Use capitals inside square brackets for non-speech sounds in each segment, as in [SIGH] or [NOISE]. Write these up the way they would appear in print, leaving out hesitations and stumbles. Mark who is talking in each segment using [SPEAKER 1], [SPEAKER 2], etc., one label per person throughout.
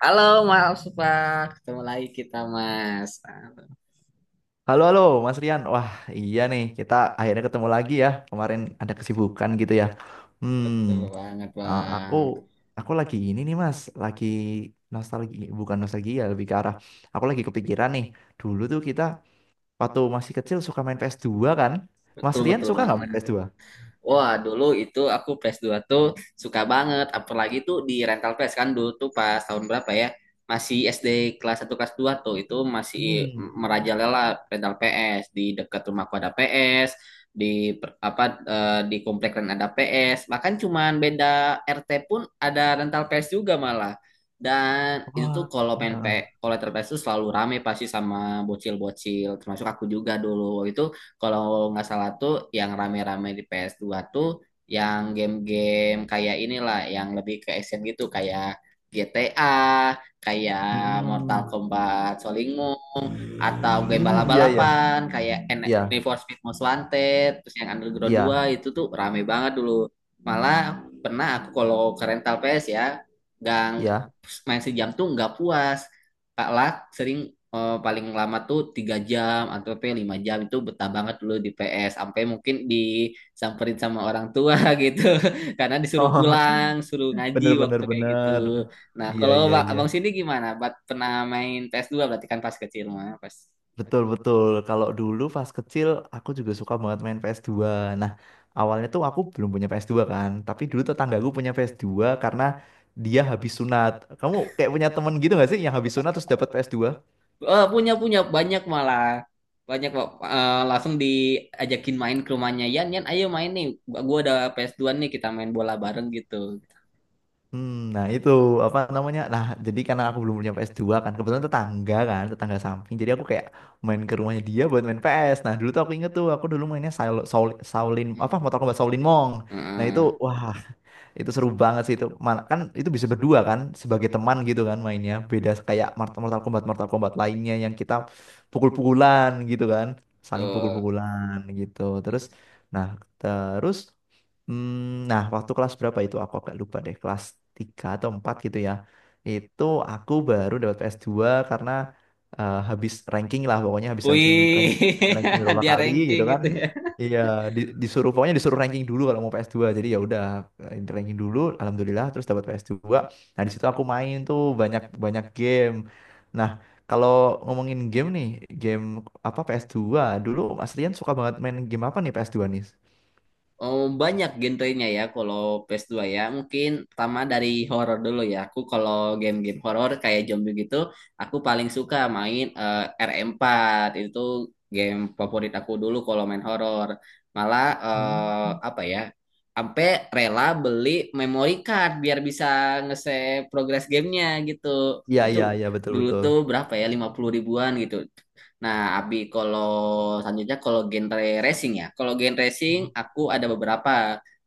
[SPEAKER 1] Halo Mas Pak, ketemu lagi kita Mas.
[SPEAKER 2] Halo, halo, Mas Rian. Wah, iya nih, kita akhirnya ketemu lagi ya. Kemarin ada kesibukan gitu ya. Hmm,
[SPEAKER 1] Betul banget
[SPEAKER 2] uh, aku
[SPEAKER 1] Bang,
[SPEAKER 2] aku lagi ini nih, Mas. Lagi nostalgia, bukan nostalgia, lebih ke arah. Aku lagi kepikiran nih. Dulu tuh kita waktu masih kecil suka main ps dua kan? Mas
[SPEAKER 1] betul
[SPEAKER 2] Rian
[SPEAKER 1] betul
[SPEAKER 2] suka nggak main ps
[SPEAKER 1] banget.
[SPEAKER 2] dua
[SPEAKER 1] Wah, dulu itu aku PS 2 tuh suka banget. Apalagi tuh di rental PS kan dulu tuh pas tahun berapa ya? Masih SD kelas satu kelas 2 tuh itu masih
[SPEAKER 2] Hmm,
[SPEAKER 1] merajalela rental PS. Di dekat rumahku ada PS, di per- apa eh, di komplek lain ada PS. Bahkan cuman beda RT pun ada rental PS juga malah. Dan itu
[SPEAKER 2] wah,
[SPEAKER 1] tuh kalau main P,
[SPEAKER 2] heeh.
[SPEAKER 1] kalau rental PS tuh selalu rame pasti sama bocil-bocil termasuk aku juga dulu. Itu kalau nggak salah tuh yang rame-rame di PS2 tuh yang game-game kayak inilah yang lebih ke action gitu kayak GTA, kayak Mortal
[SPEAKER 2] Hmm,
[SPEAKER 1] Kombat Solingwo atau game
[SPEAKER 2] hmm, iya, iya,
[SPEAKER 1] balap-balapan kayak
[SPEAKER 2] iya,
[SPEAKER 1] Need for Speed Most Wanted terus yang Underground dua
[SPEAKER 2] iya,
[SPEAKER 1] itu tuh rame banget dulu, malah pernah aku kalau ke rental PS ya nggak
[SPEAKER 2] iya.
[SPEAKER 1] main sejam tuh nggak puas Kak Lak sering, paling lama tuh 3 jam atau sampai 5 jam itu betah banget dulu di PS sampai mungkin disamperin sama orang tua [LAUGHS] gitu karena disuruh
[SPEAKER 2] Oh, [LAUGHS]
[SPEAKER 1] pulang suruh ngaji
[SPEAKER 2] bener, bener,
[SPEAKER 1] waktu kayak gitu.
[SPEAKER 2] bener.
[SPEAKER 1] Nah,
[SPEAKER 2] Iya,
[SPEAKER 1] kalau
[SPEAKER 2] iya, iya.
[SPEAKER 1] Abang sini gimana? Bat pernah main PS2 berarti kan pas kecil mah, pas.
[SPEAKER 2] Betul, betul. Kalau dulu pas kecil aku juga suka banget main PS2. Nah, awalnya tuh aku belum punya PS2 kan, tapi dulu tetanggaku punya PS2 karena dia habis sunat. Kamu kayak punya temen gitu gak sih yang habis sunat terus dapat PS2?
[SPEAKER 1] Oh, punya punya banyak malah. Banyak Bang. Langsung diajakin main ke rumahnya. Yan, Yan, ayo main nih. Gua ada PS2 nih, kita main bola bareng gitu.
[SPEAKER 2] Nah, itu apa namanya? Nah, jadi karena aku belum punya PS2 kan, kebetulan tetangga kan, tetangga samping. Jadi aku kayak main ke rumahnya dia buat main PS. Nah, dulu tuh aku inget tuh aku dulu mainnya Saul, Saul, Shaolin- apa, Mortal Kombat Shaolin Monk. Nah, itu
[SPEAKER 1] Heeh.
[SPEAKER 2] wah, itu seru banget sih itu. Mana kan itu bisa berdua kan sebagai teman gitu kan mainnya. Beda kayak Mortal Kombat lainnya yang kita pukul-pukulan gitu kan. Saling
[SPEAKER 1] Tuh.
[SPEAKER 2] pukul-pukulan gitu. Terus nah terus hmm, nah, waktu kelas berapa itu aku agak lupa deh. Kelas 3 atau 4 gitu ya. Itu aku baru dapat ps dua karena habis ranking lah, pokoknya habis
[SPEAKER 1] Wih,
[SPEAKER 2] ranking
[SPEAKER 1] [LAUGHS]
[SPEAKER 2] beberapa
[SPEAKER 1] dia
[SPEAKER 2] kali
[SPEAKER 1] ranking
[SPEAKER 2] gitu kan.
[SPEAKER 1] gitu ya.
[SPEAKER 2] Iya, disuruh, pokoknya disuruh ranking dulu kalau mau ps dua. Jadi ya udah, ranking dulu, alhamdulillah terus dapat ps dua. Nah, di situ aku main tuh banyak banyak game. Nah, kalau ngomongin game nih, game apa ps dua dulu Mas Rian suka banget main game apa nih ps dua nih?
[SPEAKER 1] Oh, banyak genrenya ya kalau ps dua ya. Mungkin pertama dari horor dulu ya. Aku kalau game-game horor kayak zombie gitu, aku paling suka main, RM4. Itu game favorit aku dulu kalau main horor. Malah,
[SPEAKER 2] Hmm.
[SPEAKER 1] apa ya? Sampai rela beli memory card biar bisa nge-save progress gamenya gitu.
[SPEAKER 2] Iya,
[SPEAKER 1] Itu
[SPEAKER 2] iya, iya, betul,
[SPEAKER 1] dulu
[SPEAKER 2] betul.
[SPEAKER 1] tuh berapa ya? 50 ribuan gitu. Nah, Abi, kalau selanjutnya kalau genre racing ya. Kalau genre racing, aku ada beberapa.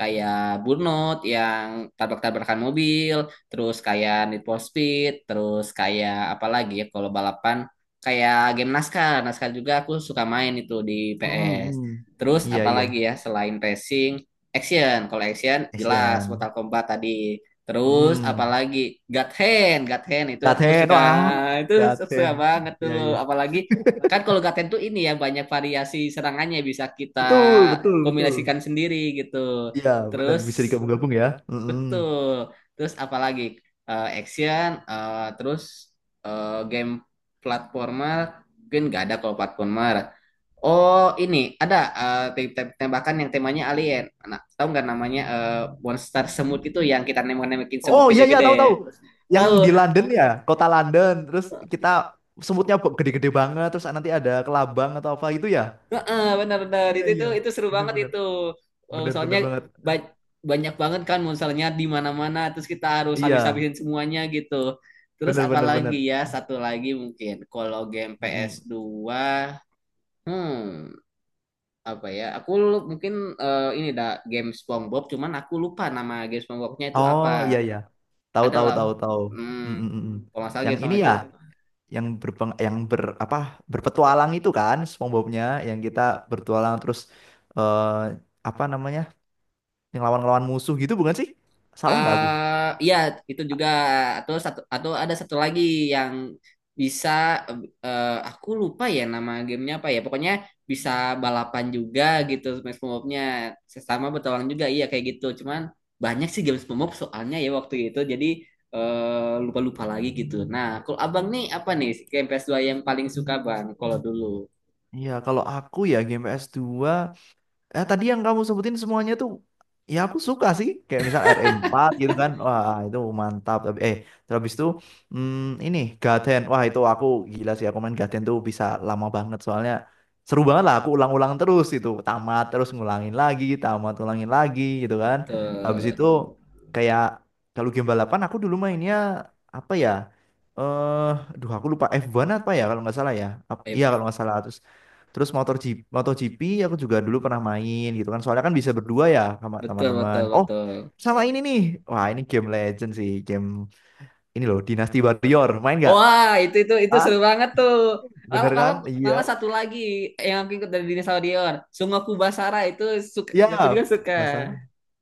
[SPEAKER 1] Kayak Burnout yang tabrak-tabrakan mobil, terus kayak Need for Speed, terus kayak apa lagi ya kalau balapan. Kayak game NASCAR. NASCAR juga aku suka main itu di
[SPEAKER 2] Hmm,
[SPEAKER 1] PS.
[SPEAKER 2] hmm.
[SPEAKER 1] Terus
[SPEAKER 2] Iya,
[SPEAKER 1] apa lagi
[SPEAKER 2] iya.
[SPEAKER 1] ya selain racing, action. Kalau action jelas
[SPEAKER 2] Asian.
[SPEAKER 1] Mortal Kombat tadi. Terus
[SPEAKER 2] Hmm.
[SPEAKER 1] apalagi God Hand, God Hand itu aku
[SPEAKER 2] Gaten,
[SPEAKER 1] suka
[SPEAKER 2] wah.
[SPEAKER 1] itu suka
[SPEAKER 2] Gaten.
[SPEAKER 1] banget tuh
[SPEAKER 2] Iya,
[SPEAKER 1] loh.
[SPEAKER 2] iya.
[SPEAKER 1] Apalagi kan kalau Gaten tuh ini ya banyak variasi serangannya bisa kita
[SPEAKER 2] Betul, betul, betul.
[SPEAKER 1] kombinasikan sendiri gitu.
[SPEAKER 2] Iya, benar,
[SPEAKER 1] Terus
[SPEAKER 2] bisa digabung-gabung ya. Mm-mm.
[SPEAKER 1] betul. Terus apalagi, terus, game platformer mungkin nggak ada kalau platformer. Oh ini ada, tembakan yang temanya alien. Nah, tahu nggak namanya, monster semut itu yang kita nembak-nembakin semut
[SPEAKER 2] Oh, iya, iya, tahu, tahu.
[SPEAKER 1] gede-gede?
[SPEAKER 2] Yang di
[SPEAKER 1] Tahu.
[SPEAKER 2] London ya, kota London. Terus kita semutnya gede-gede banget. Terus nanti ada kelabang atau apa gitu ya?
[SPEAKER 1] Heeh, benar-benar
[SPEAKER 2] Iya, iya.
[SPEAKER 1] itu seru
[SPEAKER 2] Bener,
[SPEAKER 1] banget
[SPEAKER 2] bener,
[SPEAKER 1] itu.
[SPEAKER 2] bener,
[SPEAKER 1] Soalnya
[SPEAKER 2] bener banget.
[SPEAKER 1] ba- banyak banget kan monsternya di mana-mana terus kita harus
[SPEAKER 2] Iya,
[SPEAKER 1] habis-habisin semuanya gitu. Terus
[SPEAKER 2] bener, bener,
[SPEAKER 1] apalagi
[SPEAKER 2] bener.
[SPEAKER 1] ya satu lagi mungkin kalau game ps
[SPEAKER 2] Mm.
[SPEAKER 1] dua, hmm apa ya? Aku mungkin, ini dah game SpongeBob cuman aku lupa nama game SpongeBobnya itu apa.
[SPEAKER 2] Oh, iya, iya. Tahu, tahu,
[SPEAKER 1] Adalah,
[SPEAKER 2] tahu, tahu. Mm,
[SPEAKER 1] hmm,
[SPEAKER 2] mm, mm, mm.
[SPEAKER 1] kalau nggak salah game
[SPEAKER 2] Yang ini
[SPEAKER 1] SpongeBob itu,
[SPEAKER 2] ya, yang berpetualang itu kan SpongeBob-nya, yang kita bertualang terus, eh apa namanya? Yang lawan-lawan musuh gitu bukan sih? Salah nggak aku?
[SPEAKER 1] iya itu juga atau satu atau ada satu lagi yang bisa, aku lupa ya nama gamenya apa ya pokoknya bisa balapan juga gitu Smash nya sama bertualang juga iya kayak gitu cuman banyak sih game SpongeBob soalnya ya waktu itu jadi, lupa-lupa lagi gitu. Nah, kalau abang nih apa nih game ps dua yang paling suka bang kalau dulu?
[SPEAKER 2] Iya, kalau aku ya, Game PS2, ya tadi yang kamu sebutin semuanya tuh, ya aku suka sih kayak misal RM4 gitu kan, wah itu mantap. Tapi terus habis itu, hmm, ini Gaten, wah itu aku gila sih, aku main Gaten tuh bisa lama banget soalnya seru banget lah, aku ulang-ulang terus itu, tamat, terus ngulangin lagi, tamat, ulangin lagi gitu kan. Habis
[SPEAKER 1] Betul.
[SPEAKER 2] itu, kayak, kalau game balapan aku dulu mainnya apa ya, eh duh, aku lupa. F1 apa ya kalau nggak salah ya,
[SPEAKER 1] Eh,
[SPEAKER 2] iya kalau nggak salah terus. Terus MotoGP aku juga dulu pernah main gitu kan. Soalnya kan bisa berdua ya sama
[SPEAKER 1] betul
[SPEAKER 2] teman-teman.
[SPEAKER 1] betul
[SPEAKER 2] Oh,
[SPEAKER 1] betul.
[SPEAKER 2] sama ini nih. Wah, ini game legend sih. Game ini loh, Dynasty Warrior. Main nggak?
[SPEAKER 1] Wah, itu
[SPEAKER 2] Ah,
[SPEAKER 1] seru banget tuh. Malah,
[SPEAKER 2] bener
[SPEAKER 1] malah,
[SPEAKER 2] kan? Iya.
[SPEAKER 1] malah satu lagi yang aku ikut dari Dinosaurion, Sungoku Basara itu suka,
[SPEAKER 2] Ya,
[SPEAKER 1] aku juga suka.
[SPEAKER 2] Basara.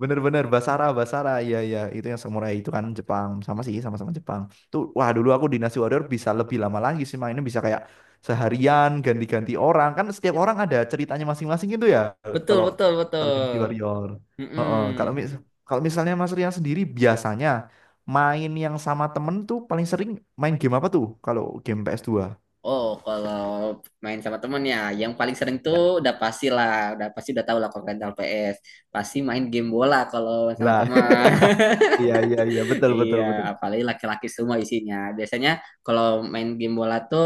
[SPEAKER 2] Bener-bener Basara, Basara. Iya, iya, itu yang samurai itu kan Jepang. Sama sih, sama-sama Jepang. Tuh, wah dulu aku Dynasty Warrior bisa lebih lama lagi sih mainnya, bisa kayak seharian ganti-ganti orang. Kan setiap orang ada ceritanya masing-masing gitu ya.
[SPEAKER 1] Betul,
[SPEAKER 2] Kalau
[SPEAKER 1] betul, betul.
[SPEAKER 2] kalau Dynasty Warrior.
[SPEAKER 1] Mm-mm.
[SPEAKER 2] Heeh, kalau misalnya Mas Rian sendiri biasanya main yang sama temen tuh paling sering main game apa tuh? Kalau game ps dua,
[SPEAKER 1] Oh, kalau main sama temen ya, yang paling sering tuh
[SPEAKER 2] ya.
[SPEAKER 1] udah pasti lah, udah pasti udah tahu lah kalau rental PS. Pasti main game bola kalau main sama
[SPEAKER 2] Lah,
[SPEAKER 1] teman. [LAUGHS]
[SPEAKER 2] [LAUGHS] iya, iya, iya, betul, betul,
[SPEAKER 1] Iya,
[SPEAKER 2] betul.
[SPEAKER 1] apalagi laki-laki semua isinya. Biasanya kalau main game bola tuh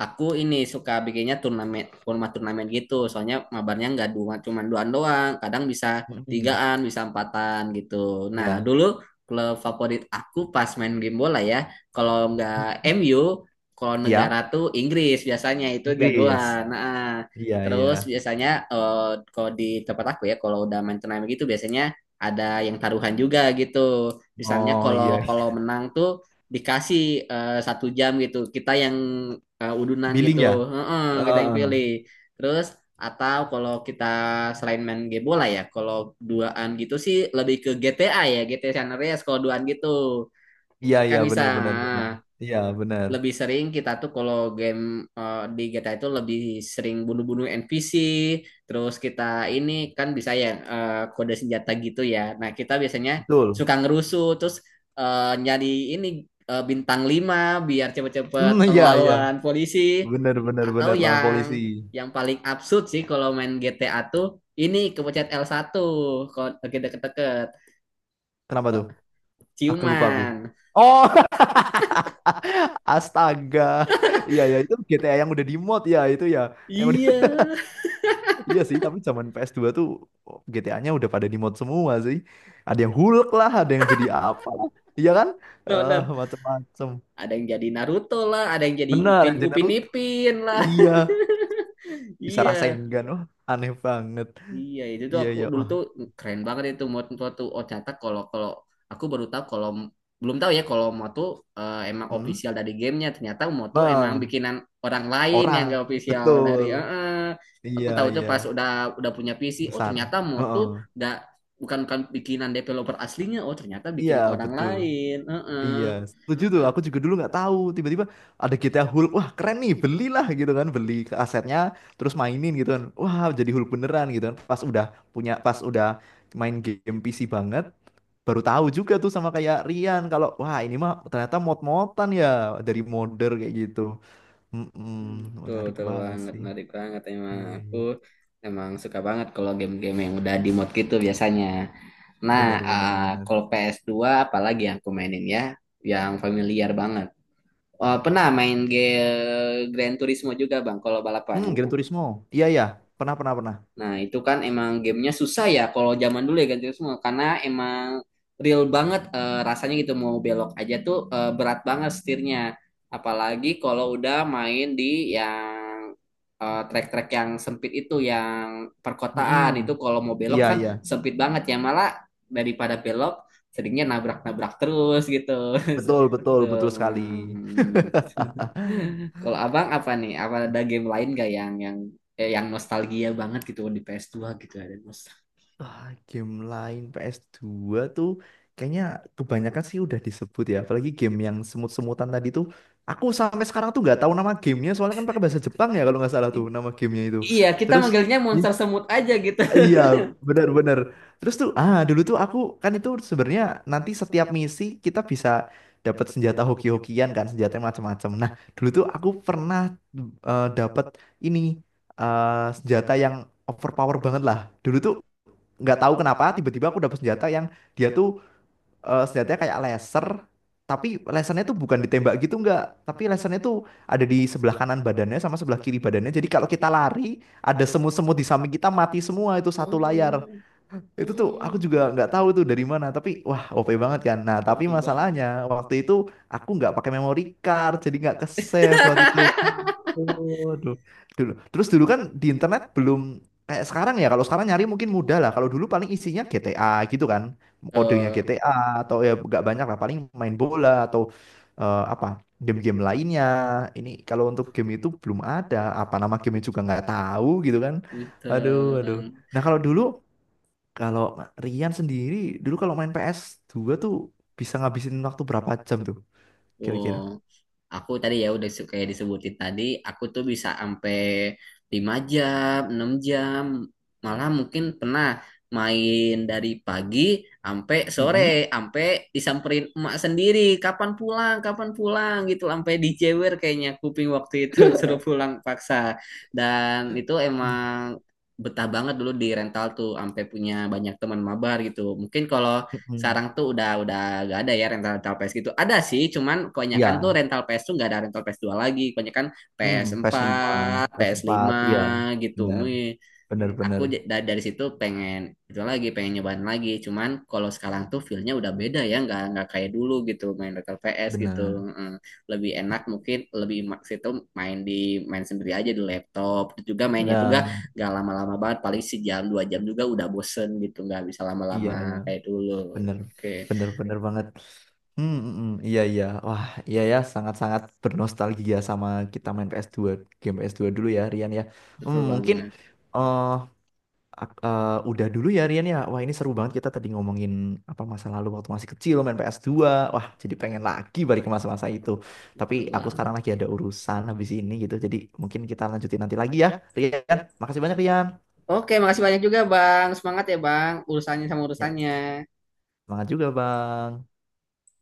[SPEAKER 1] aku ini suka bikinnya turnamen, format turnamen gitu. Soalnya mabarnya nggak dua, cuman duaan doang. Kadang bisa
[SPEAKER 2] Mm-mm.
[SPEAKER 1] tigaan, bisa empatan gitu. Nah,
[SPEAKER 2] Iya.
[SPEAKER 1] dulu klub favorit aku pas main game bola ya, kalau nggak
[SPEAKER 2] Mm,
[SPEAKER 1] MU, kalau negara
[SPEAKER 2] iya.
[SPEAKER 1] tuh Inggris biasanya itu
[SPEAKER 2] Inggris.
[SPEAKER 1] jagoan. Nah,
[SPEAKER 2] Iya, iya.
[SPEAKER 1] terus biasanya, eh, kalau di tempat aku ya, kalau udah main turnamen gitu biasanya ada yang taruhan juga gitu misalnya
[SPEAKER 2] Oh, iya.
[SPEAKER 1] kalau kalau menang tuh dikasih, 1 jam gitu kita yang,
[SPEAKER 2] [LAUGHS]
[SPEAKER 1] udunan
[SPEAKER 2] Billing
[SPEAKER 1] gitu.
[SPEAKER 2] ya?
[SPEAKER 1] Heeh, kita yang pilih,
[SPEAKER 2] Heeh.
[SPEAKER 1] terus atau kalau kita selain main game bola ya kalau duaan gitu sih lebih ke GTA ya GTA San Andreas kalau duaan gitu
[SPEAKER 2] Iya,
[SPEAKER 1] kan
[SPEAKER 2] iya,
[SPEAKER 1] bisa
[SPEAKER 2] benar, benar, benar. Iya, benar.
[SPEAKER 1] lebih sering kita tuh kalau game, di GTA itu lebih sering bunuh-bunuh NPC terus kita ini kan bisa ya, kode senjata gitu ya nah kita biasanya
[SPEAKER 2] Betul.
[SPEAKER 1] suka ngerusuh terus, nyari ini, bintang 5 biar cepet-cepet
[SPEAKER 2] Hmm, iya, iya.
[SPEAKER 1] ngelawan polisi
[SPEAKER 2] Benar, benar,
[SPEAKER 1] atau
[SPEAKER 2] benar, lawan polisi.
[SPEAKER 1] yang paling absurd sih kalau main GTA tuh ini kepencet L1 kalau kita deket-deket
[SPEAKER 2] Kenapa tuh? Ah, lupa aku.
[SPEAKER 1] ciuman
[SPEAKER 2] Oh, [LAUGHS] astaga. Iya, iya, itu GTA yang udah di mod ya, itu ya. Yang udah
[SPEAKER 1] iya.
[SPEAKER 2] [LAUGHS] iya sih, tapi zaman ps dua tuh GTA-nya udah pada di mod semua sih. Ada yang Hulk lah, ada yang jadi apa lah. Iya kan?
[SPEAKER 1] [LAUGHS]
[SPEAKER 2] Eh,
[SPEAKER 1] Benar,
[SPEAKER 2] macam-macam.
[SPEAKER 1] ada yang jadi Naruto lah, ada yang jadi
[SPEAKER 2] Benar,
[SPEAKER 1] Upin
[SPEAKER 2] yang
[SPEAKER 1] Upin
[SPEAKER 2] Naruto,
[SPEAKER 1] Ipin lah.
[SPEAKER 2] iya,
[SPEAKER 1] [LAUGHS]
[SPEAKER 2] bisa
[SPEAKER 1] Iya,
[SPEAKER 2] rasain kan? Wah, aneh banget.
[SPEAKER 1] iya itu tuh
[SPEAKER 2] Iya,
[SPEAKER 1] aku
[SPEAKER 2] iya.
[SPEAKER 1] dulu
[SPEAKER 2] Wah,
[SPEAKER 1] tuh keren banget itu moto-moto tuh. Oh ternyata kalau kalau aku baru tahu kalau belum tahu ya kalau moto tuh, emang
[SPEAKER 2] hmm?
[SPEAKER 1] official dari gamenya ternyata moto emang
[SPEAKER 2] Bah,
[SPEAKER 1] bikinan orang lain yang
[SPEAKER 2] orang.
[SPEAKER 1] gak official dari,
[SPEAKER 2] Betul.
[SPEAKER 1] aku
[SPEAKER 2] Iya,
[SPEAKER 1] tahu tuh
[SPEAKER 2] iya.
[SPEAKER 1] pas udah punya PC oh
[SPEAKER 2] Besar.
[SPEAKER 1] ternyata moto
[SPEAKER 2] Heeh.
[SPEAKER 1] gak, bukan bukan bikinan developer aslinya oh ternyata
[SPEAKER 2] Iya,
[SPEAKER 1] bikinan orang
[SPEAKER 2] betul.
[SPEAKER 1] lain,
[SPEAKER 2] Iya, setuju tuh.
[SPEAKER 1] Nah,
[SPEAKER 2] Aku juga dulu nggak tahu. Tiba-tiba ada GTA Hulk. Wah, keren nih. Belilah gitu kan. Beli ke asetnya, terus mainin gitu kan. Wah, jadi Hulk beneran gitu kan. Pas udah punya, pas udah main game PC banget, baru tahu juga tuh sama kayak Rian kalau wah, ini mah ternyata mod-modan ya, dari modder kayak gitu. Mm-mm,
[SPEAKER 1] hmm, betul,
[SPEAKER 2] menarik
[SPEAKER 1] betul
[SPEAKER 2] banget
[SPEAKER 1] banget,
[SPEAKER 2] sih.
[SPEAKER 1] menarik banget emang.
[SPEAKER 2] Iya,
[SPEAKER 1] Aku
[SPEAKER 2] iya.
[SPEAKER 1] emang suka banget kalau game-game yang udah di mod gitu biasanya. Nah,
[SPEAKER 2] Benar, benar,
[SPEAKER 1] ah,
[SPEAKER 2] benar.
[SPEAKER 1] kalau ps dua apalagi yang aku mainin ya, yang familiar banget. Oh, pernah main game Gran Turismo juga Bang, kalau balapan.
[SPEAKER 2] Hmm, Gran Turismo. Iya, iya. Pernah, pernah, pernah.
[SPEAKER 1] Nah, itu kan emang gamenya susah ya kalau zaman dulu ya ganti semua karena emang real banget, rasanya gitu mau belok aja tuh, berat banget setirnya. Apalagi kalau udah main di yang, trek-trek yang sempit itu yang perkotaan itu
[SPEAKER 2] Mm-mm.
[SPEAKER 1] kalau mau belok
[SPEAKER 2] Iya,
[SPEAKER 1] kan
[SPEAKER 2] iya.
[SPEAKER 1] sempit banget ya malah daripada belok seringnya nabrak-nabrak terus gitu.
[SPEAKER 2] Betul,
[SPEAKER 1] [LAUGHS]
[SPEAKER 2] betul,
[SPEAKER 1] Itu.
[SPEAKER 2] betul sekali. [LAUGHS]
[SPEAKER 1] Kalau abang apa nih? Apa ada game lain gak yang yang nostalgia banget gitu di ps dua gitu ada nostalgia.
[SPEAKER 2] Ah, game lain PS2 tuh kayaknya kebanyakan sih udah disebut ya. Apalagi game yang semut-semutan tadi tuh. Aku sampai sekarang tuh nggak tahu nama gamenya soalnya kan pakai bahasa Jepang ya kalau nggak salah tuh nama gamenya itu.
[SPEAKER 1] Iya, kita
[SPEAKER 2] Terus,
[SPEAKER 1] manggilnya Monster Semut aja gitu. [LAUGHS]
[SPEAKER 2] iya, benar-benar. Terus tuh, ah, dulu tuh aku kan itu sebenarnya nanti setiap misi kita bisa dapat senjata hoki-hokian kan, senjata macam-macam. Nah, dulu tuh aku pernah, dapat ini, eh, senjata yang overpower banget lah. Dulu tuh nggak tahu kenapa tiba-tiba aku dapat senjata yang dia tuh, senjatanya kayak laser, tapi lasernya tuh bukan ditembak gitu, enggak, tapi lasernya tuh ada di sebelah kanan badannya sama sebelah kiri badannya. Jadi kalau kita lari, ada semut-semut di samping kita mati semua itu satu layar.
[SPEAKER 1] Hmm,
[SPEAKER 2] Itu tuh aku
[SPEAKER 1] hmm,
[SPEAKER 2] juga nggak tahu tuh dari mana, tapi wah, OP banget kan. Nah, tapi
[SPEAKER 1] OP bang.
[SPEAKER 2] masalahnya waktu itu aku nggak pakai memory card, jadi nggak ke save waktu itu.
[SPEAKER 1] [LAUGHS]
[SPEAKER 2] Aduh, dulu. Terus dulu kan di internet belum kayak sekarang ya. Kalau sekarang nyari mungkin mudah lah. Kalau dulu paling isinya GTA gitu kan, kodenya
[SPEAKER 1] Tuh,
[SPEAKER 2] GTA atau ya nggak banyak lah. Paling main bola atau, apa, game-game lainnya. Ini kalau untuk game itu belum ada. Apa nama gamenya juga nggak tahu gitu kan.
[SPEAKER 1] gitu.
[SPEAKER 2] Aduh, aduh. Nah, kalau dulu, kalau Rian sendiri dulu kalau main ps dua tuh bisa ngabisin waktu berapa jam tuh
[SPEAKER 1] Oh,
[SPEAKER 2] kira-kira?
[SPEAKER 1] aku tadi ya udah, kayak disebutin tadi, aku tuh bisa sampai 5 jam, 6 jam, malah mungkin pernah main dari pagi sampai sore,
[SPEAKER 2] Mhm.
[SPEAKER 1] sampai disamperin emak sendiri, kapan pulang gitu, sampai dijewer kayaknya kuping waktu itu [LAUGHS] suruh pulang paksa. Dan itu
[SPEAKER 2] Iya.
[SPEAKER 1] emang betah banget dulu di rental tuh, sampai punya banyak teman mabar gitu. Mungkin kalau
[SPEAKER 2] Mm-mm.
[SPEAKER 1] sekarang tuh udah gak ada ya rental rental PS gitu. Ada sih, cuman kebanyakan tuh
[SPEAKER 2] Iya,
[SPEAKER 1] rental PS tuh gak ada rental ps dua lagi. Kebanyakan
[SPEAKER 2] hmm, PS5,
[SPEAKER 1] PS4,
[SPEAKER 2] ps
[SPEAKER 1] ps
[SPEAKER 2] empat,
[SPEAKER 1] lima
[SPEAKER 2] iya,
[SPEAKER 1] gitu.
[SPEAKER 2] benar,
[SPEAKER 1] Wih
[SPEAKER 2] benar, benar,
[SPEAKER 1] aku dari situ pengen itu lagi pengen nyobain lagi cuman kalau sekarang tuh feel-nya udah beda ya nggak kayak dulu gitu main Battle PS gitu.
[SPEAKER 2] benar,
[SPEAKER 1] Mm, lebih enak mungkin lebih maks itu main di main sendiri aja di laptop. Terus juga mainnya juga
[SPEAKER 2] benar,
[SPEAKER 1] nggak lama-lama banget paling sejam 2 jam juga udah bosen gitu nggak bisa
[SPEAKER 2] iya, iya,
[SPEAKER 1] lama-lama kayak dulu.
[SPEAKER 2] benar,
[SPEAKER 1] Oke,
[SPEAKER 2] benar, benar banget. Hmm, mm, mm, iya, iya, wah, iya ya, sangat-sangat bernostalgia sama kita main ps dua, game ps dua dulu ya, Rian ya.
[SPEAKER 1] betul
[SPEAKER 2] Mungkin,
[SPEAKER 1] banget
[SPEAKER 2] eh, udah dulu ya Rian ya. Wah, ini seru banget kita tadi ngomongin apa masa lalu waktu masih kecil main ps dua. Wah, jadi pengen lagi balik ke masa-masa itu. Tapi
[SPEAKER 1] betul
[SPEAKER 2] aku
[SPEAKER 1] banget.
[SPEAKER 2] sekarang lagi ada urusan habis ini gitu. Jadi mungkin kita lanjutin nanti lagi ya Rian. Makasih banyak Rian.
[SPEAKER 1] Oke, makasih banyak juga bang semangat ya bang urusannya sama
[SPEAKER 2] Ya,
[SPEAKER 1] urusannya
[SPEAKER 2] semangat juga Bang.